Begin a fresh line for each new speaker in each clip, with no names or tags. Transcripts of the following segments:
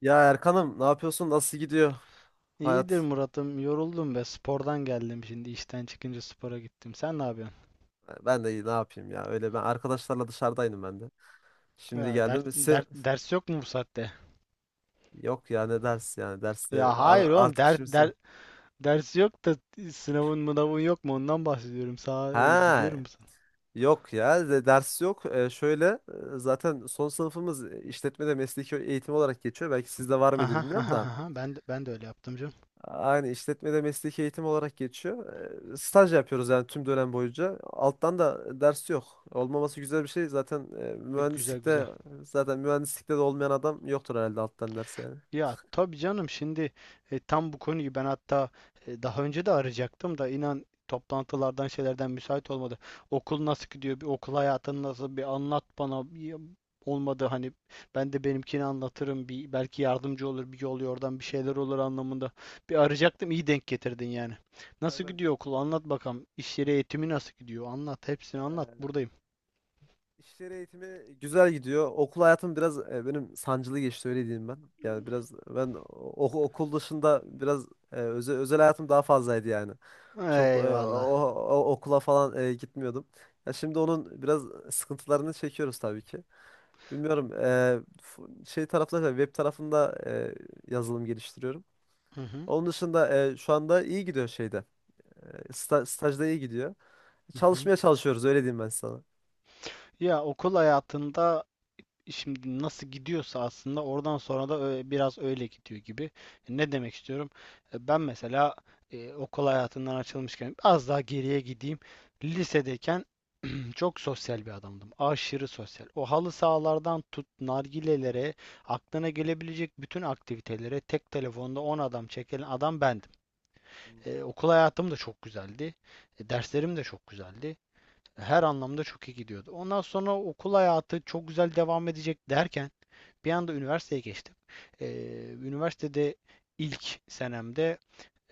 Ya Erkan'ım, ne yapıyorsun? Nasıl gidiyor
İyidir
hayat?
Murat'ım. Yoruldum be. Spordan geldim şimdi. İşten çıkınca spora gittim. Sen ne yapıyorsun?
Ben de iyi, ne yapayım ya. Öyle, ben arkadaşlarla dışarıdaydım ben de.
Ya
Şimdi geldim. Se
ders yok mu bu saatte?
yok ya, ne ders yani derste
Ya hayır oğlum.
artık şimdi.
Ders yok da sınavın mınavın yok mu? Ondan bahsediyorum.
Ha,
Biliyorum musun?
yok ya ders yok. Şöyle, zaten son sınıfımız işletmede mesleki eğitim olarak geçiyor. Belki sizde var mıydı,
Aha
bilmiyorum
aha
da.
aha. Ben de öyle yaptım canım.
Aynı, işletmede mesleki eğitim olarak geçiyor. Staj yapıyoruz yani, tüm dönem boyunca. Alttan da ders yok. Olmaması güzel bir şey. Zaten eee,
Güzel
mühendislikte
güzel.
zaten mühendislikte de olmayan adam yoktur herhalde alttan ders yani.
Ya tabii canım şimdi tam bu konuyu ben hatta daha önce de arayacaktım da inan, toplantılardan şeylerden müsait olmadı. Okul nasıl gidiyor? Bir okul hayatın nasıl? Bir anlat bana. Olmadı hani, ben de benimkini anlatırım. Bir belki yardımcı olur, bir yol yordan bir şeyler olur anlamında. Bir arayacaktım, iyi denk getirdin yani. Nasıl
Hemen
gidiyor okul? Anlat bakalım. İş yeri eğitimi nasıl gidiyor? Anlat, hepsini anlat.
eee
Buradayım.
iş yeri eğitimi güzel gidiyor. Okul hayatım biraz benim sancılı geçti, öyle diyeyim ben. Yani biraz ben okul dışında biraz özel hayatım daha fazlaydı yani. Çok
Eyvallah.
okula falan gitmiyordum. Ya, şimdi onun biraz sıkıntılarını çekiyoruz tabii ki. Bilmiyorum, şey tarafında, web tarafında, yazılım geliştiriyorum.
Hı hı.
Onun dışında şu anda iyi gidiyor şeyde. Stajda iyi gidiyor.
Hı hı.
Çalışmaya çalışıyoruz, öyle diyeyim ben sana.
Ya okul hayatında şimdi nasıl gidiyorsa aslında oradan sonra da biraz öyle gidiyor gibi. Ne demek istiyorum? Ben mesela okul hayatından açılmışken az daha geriye gideyim. Lisedeyken çok sosyal bir adamdım. Aşırı sosyal. O halı sahalardan tut nargilelere, aklına gelebilecek bütün aktivitelere tek telefonda 10 adam çekilen adam bendim. Okul hayatım da çok güzeldi. Derslerim de çok güzeldi. Her anlamda çok iyi gidiyordu. Ondan sonra okul hayatı çok güzel devam edecek derken bir anda üniversiteye geçtim. Ee, Üniversitede ilk senemde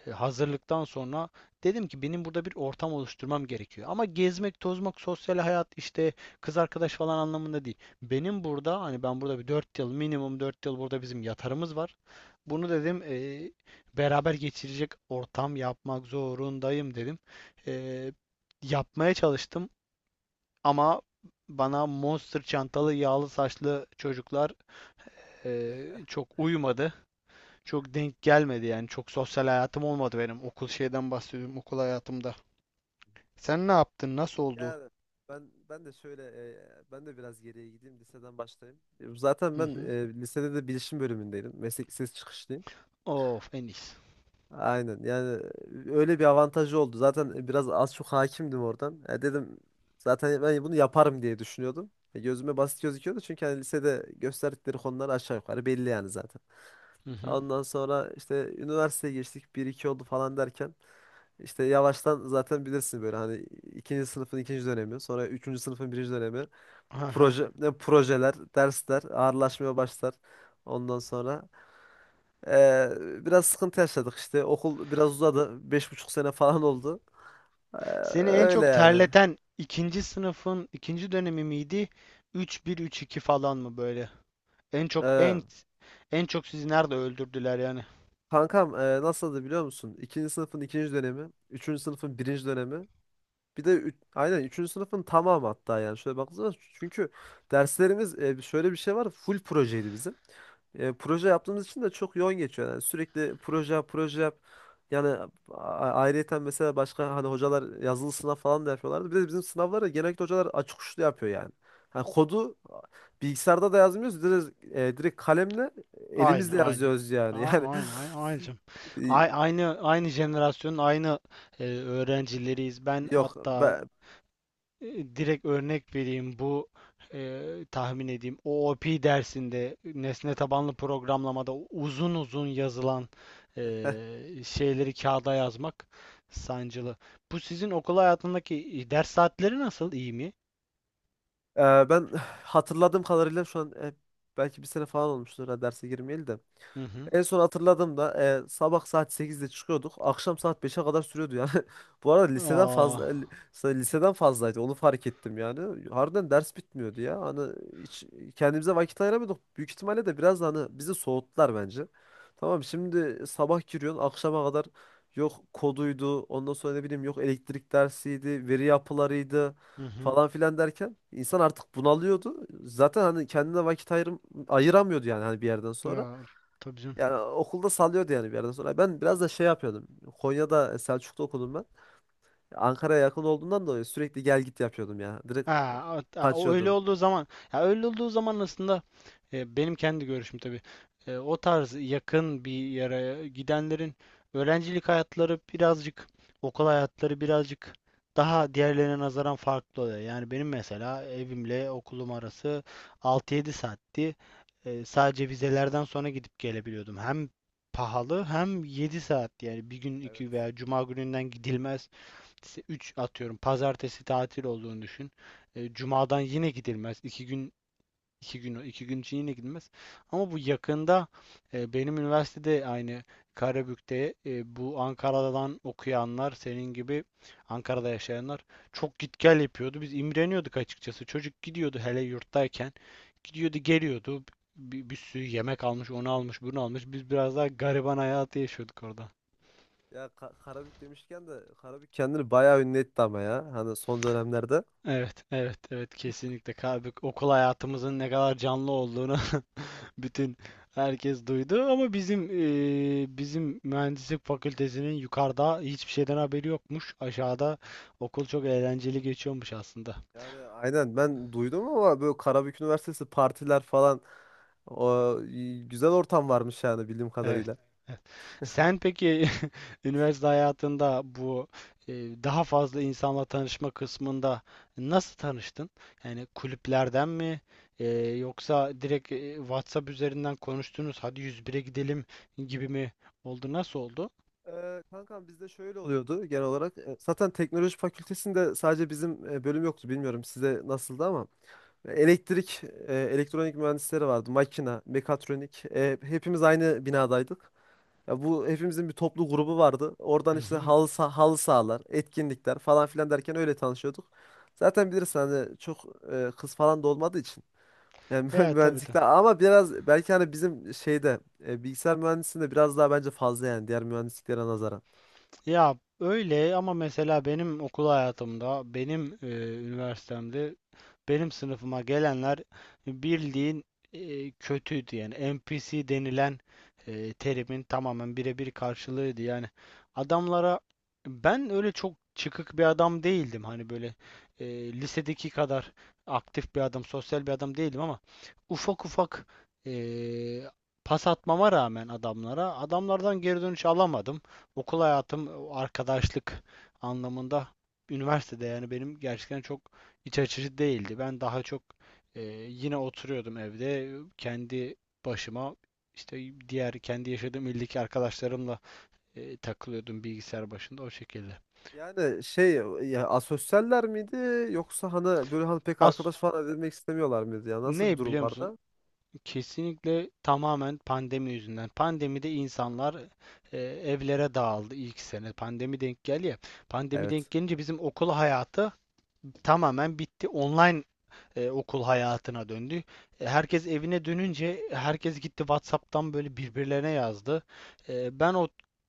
hazırlıktan sonra dedim ki benim burada bir ortam oluşturmam gerekiyor. Ama gezmek, tozmak, sosyal hayat işte, kız arkadaş falan anlamında değil. Benim burada hani, ben burada bir 4 yıl, minimum 4 yıl burada bizim yatarımız var. Bunu dedim beraber geçirecek ortam yapmak zorundayım dedim. E, Yapmaya çalıştım. Ama bana monster çantalı, yağlı saçlı çocuklar çok uyumadı. Çok denk gelmedi yani. Çok sosyal hayatım olmadı benim. Okul, şeyden bahsediyorum, okul hayatımda. Sen ne yaptın? Nasıl oldu?
Yani, ben de şöyle, ben de biraz geriye gideyim, liseden başlayayım. Zaten
Hı
ben
hı.
lisede de bilişim bölümündeydim. Meslek lisesi çıkışlıyım.
Of.
Aynen yani, öyle bir avantajı oldu. Zaten biraz az çok hakimdim oradan. Ya dedim, zaten ben bunu yaparım diye düşünüyordum. Gözüme basit gözüküyordu çünkü hani lisede gösterdikleri konular aşağı yukarı belli yani zaten.
Hı hı.
Ondan sonra işte üniversiteye geçtik, bir iki oldu falan derken işte yavaştan, zaten bilirsin böyle hani, ikinci sınıfın ikinci dönemi, sonra üçüncü sınıfın birinci dönemi,
Aha.
proje, ne projeler, dersler ağırlaşmaya başlar. Ondan sonra ee, biraz sıkıntı yaşadık işte. Okul biraz uzadı. 5,5 sene falan oldu. Ee,
Seni en
Öyle
çok
yani.
terleten ikinci sınıfın ikinci dönemi miydi? Üç bir, üç iki falan mı böyle? En çok
Ee,
en en çok sizi nerede öldürdüler yani?
Kankam, nasıldı biliyor musun? İkinci sınıfın ikinci dönemi. Üçüncü sınıfın birinci dönemi. Bir de aynen üçüncü sınıfın tamamı hatta. Yani şöyle baktığınız zaman, çünkü derslerimiz, şöyle bir şey var, full projeydi bizim. Proje yaptığımız için de çok yoğun geçiyor. Yani sürekli proje yap, proje yap. Yani ayrıyeten mesela başka hani hocalar yazılı sınav falan da yapıyorlardı. Bir de bizim sınavları genellikle hocalar açık uçlu yapıyor yani. Hani kodu bilgisayarda da yazmıyoruz. Direkt kalemle,
Aynı,
elimizle
aynı.
yazıyoruz yani.
Aynı, aynı, aynı, canım. A-
Yani
aynı, aynı jenerasyonun aynı öğrencileriyiz.
e,
Ben
yok.
hatta direkt örnek vereyim, bu tahmin edeyim. O OOP dersinde, nesne tabanlı programlamada uzun uzun yazılan şeyleri kağıda yazmak sancılı. Bu sizin okul hayatındaki ders saatleri nasıl? İyi mi?
Ee, Ben hatırladığım kadarıyla şu an belki bir sene falan olmuştur ha derse girmeyeli de.
Hı hı.
En son hatırladığımda sabah saat 8'de çıkıyorduk. Akşam saat 5'e kadar sürüyordu yani. Bu arada
Aa,
liseden fazlaydı. Onu fark ettim yani. Harbiden ders bitmiyordu ya. Hani hiç kendimize vakit ayıramıyorduk. Büyük ihtimalle de biraz da hani bizi soğuttular bence. Tamam, şimdi sabah giriyorsun akşama kadar, yok koduydu, ondan sonra ne bileyim, yok elektrik dersiydi, veri yapılarıydı
hı hı.
falan filan derken insan artık bunalıyordu. Zaten hani kendine vakit ayıramıyordu yani, hani bir yerden sonra.
Ya, tabii canım.
Yani okulda sallıyordu yani bir yerden sonra. Ben biraz da şey yapıyordum. Konya'da, Selçuk'ta okudum ben. Ankara'ya yakın olduğundan dolayı sürekli gel git yapıyordum ya. Direkt
Ha, a- a- o öyle
kaçıyordum.
olduğu zaman ya öyle olduğu zaman aslında, benim kendi görüşüm tabii. O tarz yakın bir yere gidenlerin öğrencilik hayatları birazcık, okul hayatları birazcık daha diğerlerine nazaran farklı oluyor. Yani benim mesela evimle okulum arası 6-7 saatti. Sadece vizelerden sonra gidip gelebiliyordum. Hem pahalı hem 7 saat, yani bir gün,
Evet.
iki, veya cuma gününden gidilmez, üç, atıyorum pazartesi tatil olduğunu düşün. Cumadan yine gidilmez. İki gün için yine gidilmez. Ama bu yakında benim üniversitede aynı Karabük'te, bu Ankara'dan okuyanlar, senin gibi Ankara'da yaşayanlar çok git gel yapıyordu. Biz imreniyorduk açıkçası. Çocuk gidiyordu hele yurttayken. Gidiyordu, geliyordu. Bir sürü yemek almış, onu almış, bunu almış. Biz biraz daha gariban hayatı yaşıyorduk orada.
Ya Karabük demişken de, Karabük kendini bayağı ünlü etti ama ya. Hani son dönemlerde.
Evet, evet, evet, kesinlikle. Okul hayatımızın ne kadar canlı olduğunu bütün herkes duydu, ama bizim mühendislik fakültesinin yukarıda hiçbir şeyden haberi yokmuş. Aşağıda okul çok eğlenceli geçiyormuş aslında.
Yani aynen, ben duydum ama, böyle Karabük Üniversitesi partiler falan, güzel ortam varmış yani bildiğim
Evet.
kadarıyla.
Evet. Sen peki üniversite hayatında bu, e, daha fazla insanla tanışma kısmında nasıl tanıştın? Yani kulüplerden mi, yoksa direkt WhatsApp üzerinden konuştunuz, hadi 101'e gidelim gibi mi oldu? Nasıl oldu?
Kankam, bizde şöyle oluyordu genel olarak. Zaten teknoloji fakültesinde sadece bizim bölüm yoktu. Bilmiyorum size nasıldı ama elektrik, elektronik mühendisleri vardı. Makina, mekatronik. Hepimiz aynı binadaydık. Ya bu, hepimizin bir toplu grubu vardı. Oradan
Hı
işte
hı.
halı sahalar, etkinlikler falan filan derken öyle tanışıyorduk. Zaten bilirsin hani, çok kız falan da olmadığı için. Yani
Evet, tabii.
mühendislikte, ama biraz belki hani bizim şeyde, bilgisayar mühendisliğinde biraz daha bence fazla yani, diğer mühendisliklere nazaran.
Ya öyle ama, mesela benim okul hayatımda, benim üniversitemde, benim sınıfıma gelenler bildiğin kötüydü. Yani NPC denilen terimin tamamen birebir karşılığıydı yani adamlara. Ben öyle çok çıkık bir adam değildim, hani böyle lisedeki kadar aktif bir adam, sosyal bir adam değildim ama ufak ufak e, pas atmama rağmen adamlara, adamlardan geri dönüş alamadım. Okul hayatım, arkadaşlık anlamında üniversitede yani benim gerçekten çok iç açıcı değildi. Ben daha çok e, yine oturuyordum evde kendi başıma, işte diğer kendi yaşadığım ildeki arkadaşlarımla takılıyordum bilgisayar başında o şekilde.
Yani şey, ya asosyaller miydi, yoksa hani böyle hani pek
Az,
arkadaş falan edinmek istemiyorlar mıydı ya? Nasıl bir
ne
durum
biliyor musun?
vardı?
Kesinlikle tamamen pandemi yüzünden. Pandemide insanlar evlere dağıldı ilk sene. Pandemi denk geldi ya. Pandemi
Evet.
denk gelince bizim okul hayatı tamamen bitti. Online okul hayatına döndü. Herkes evine dönünce herkes gitti, WhatsApp'tan böyle birbirlerine yazdı. Ben o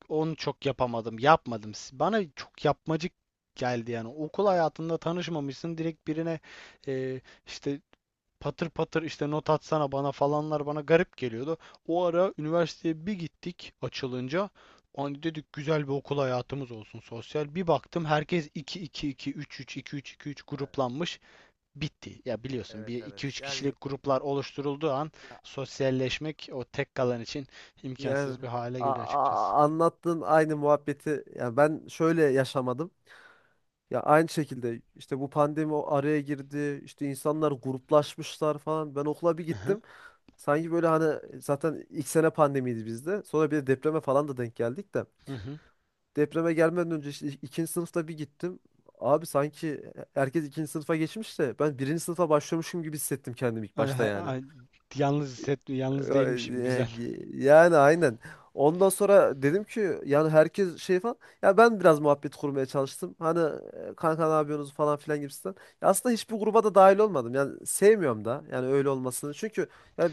onu çok yapamadım, yapmadım. Bana çok yapmacık geldi yani. Okul
Ya
hayatında tanışmamışsın, direkt birine e, işte patır patır işte not atsana bana falanlar bana garip geliyordu. O ara üniversiteye bir gittik açılınca. Hani dedik, güzel bir okul hayatımız olsun, sosyal. Bir baktım, herkes iki iki, iki üç, üç iki, üç iki, üç
e,
gruplanmış, bitti. Ya biliyorsun,
evet,
bir
evet.
iki üç
Yani
kişilik gruplar oluşturulduğu an
ya,
sosyalleşmek o tek kalan için
yani
imkansız bir hale geliyor açıkçası.
anlattığın aynı muhabbeti ya, ben şöyle yaşamadım. Ya aynı şekilde işte, bu pandemi o araya girdi. İşte insanlar gruplaşmışlar falan. Ben okula bir
Hı hı.
gittim. Sanki böyle hani, zaten ilk sene pandemiydi bizde. Sonra bir de depreme falan da denk geldik de.
Hı hı.
Depreme gelmeden önce işte ikinci sınıfta bir gittim. Abi sanki herkes ikinci sınıfa geçmiş de ben birinci sınıfa başlıyormuşum gibi hissettim kendimi ilk
Ay,
başta
ay,
yani.
ay, yalnız hisset, yalnız değilmişim. Güzel.
Yani aynen. Ondan sonra dedim ki yani, herkes şey falan. Ya ben biraz muhabbet kurmaya çalıştım. Hani, kanka ne yapıyorsunuz falan filan gibisinden. Ya aslında hiçbir gruba da dahil olmadım. Yani sevmiyorum da yani öyle olmasını. Çünkü ya,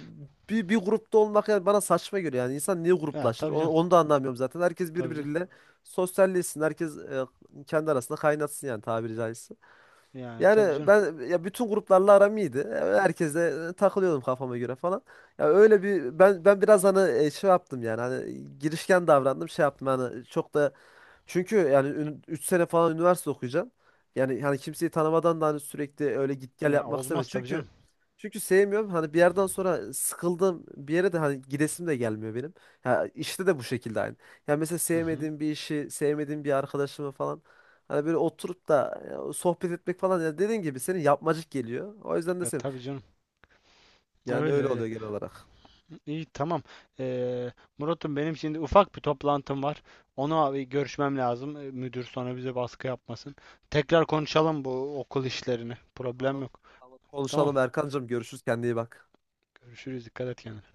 bir grupta olmak yani, bana saçma geliyor. Yani insan niye
Ya
gruplaşır?
tabii
Onu,
canım.
onu da anlamıyorum zaten. Herkes
Tabii canım.
birbiriyle sosyalleşsin. Herkes kendi arasında kaynatsın yani, tabiri caizse.
Yani tabii
Yani
canım.
ben ya, bütün gruplarla aram iyiydi. Herkesle takılıyordum kafama göre falan. Ya öyle bir, ben biraz hani şey yaptım yani, hani girişken davrandım, şey yaptım hani, çok da, çünkü yani 3 sene falan üniversite okuyacaksın. Yani hani kimseyi tanımadan da hani sürekli öyle git gel
Ya
yapmak
olmaz
istemiyorum.
tabii canım.
Çünkü sevmiyorum. Hani bir yerden sonra sıkıldım, bir yere de hani gidesim de gelmiyor benim. Ha, işte de bu şekilde aynı. Yani mesela
Hı hı.
sevmediğim bir işi, sevmediğim bir arkadaşımı falan hani böyle oturup da ya, sohbet etmek falan, ya dediğin gibi, senin yapmacık geliyor. O yüzden de
Ya
sevmiyorum.
tabii canım.
Yani
Öyle
öyle
öyle.
oluyor genel olarak.
İyi, tamam. Ee, Murat'ım, benim şimdi ufak bir toplantım var. Ona bir görüşmem lazım. Müdür sonra bize baskı yapmasın. Tekrar konuşalım bu okul işlerini. Problem
Tamam,
yok.
tamam.
Tamam.
Konuşalım Erkancığım. Görüşürüz. Kendine iyi bak.
Görüşürüz. Dikkat et kendine.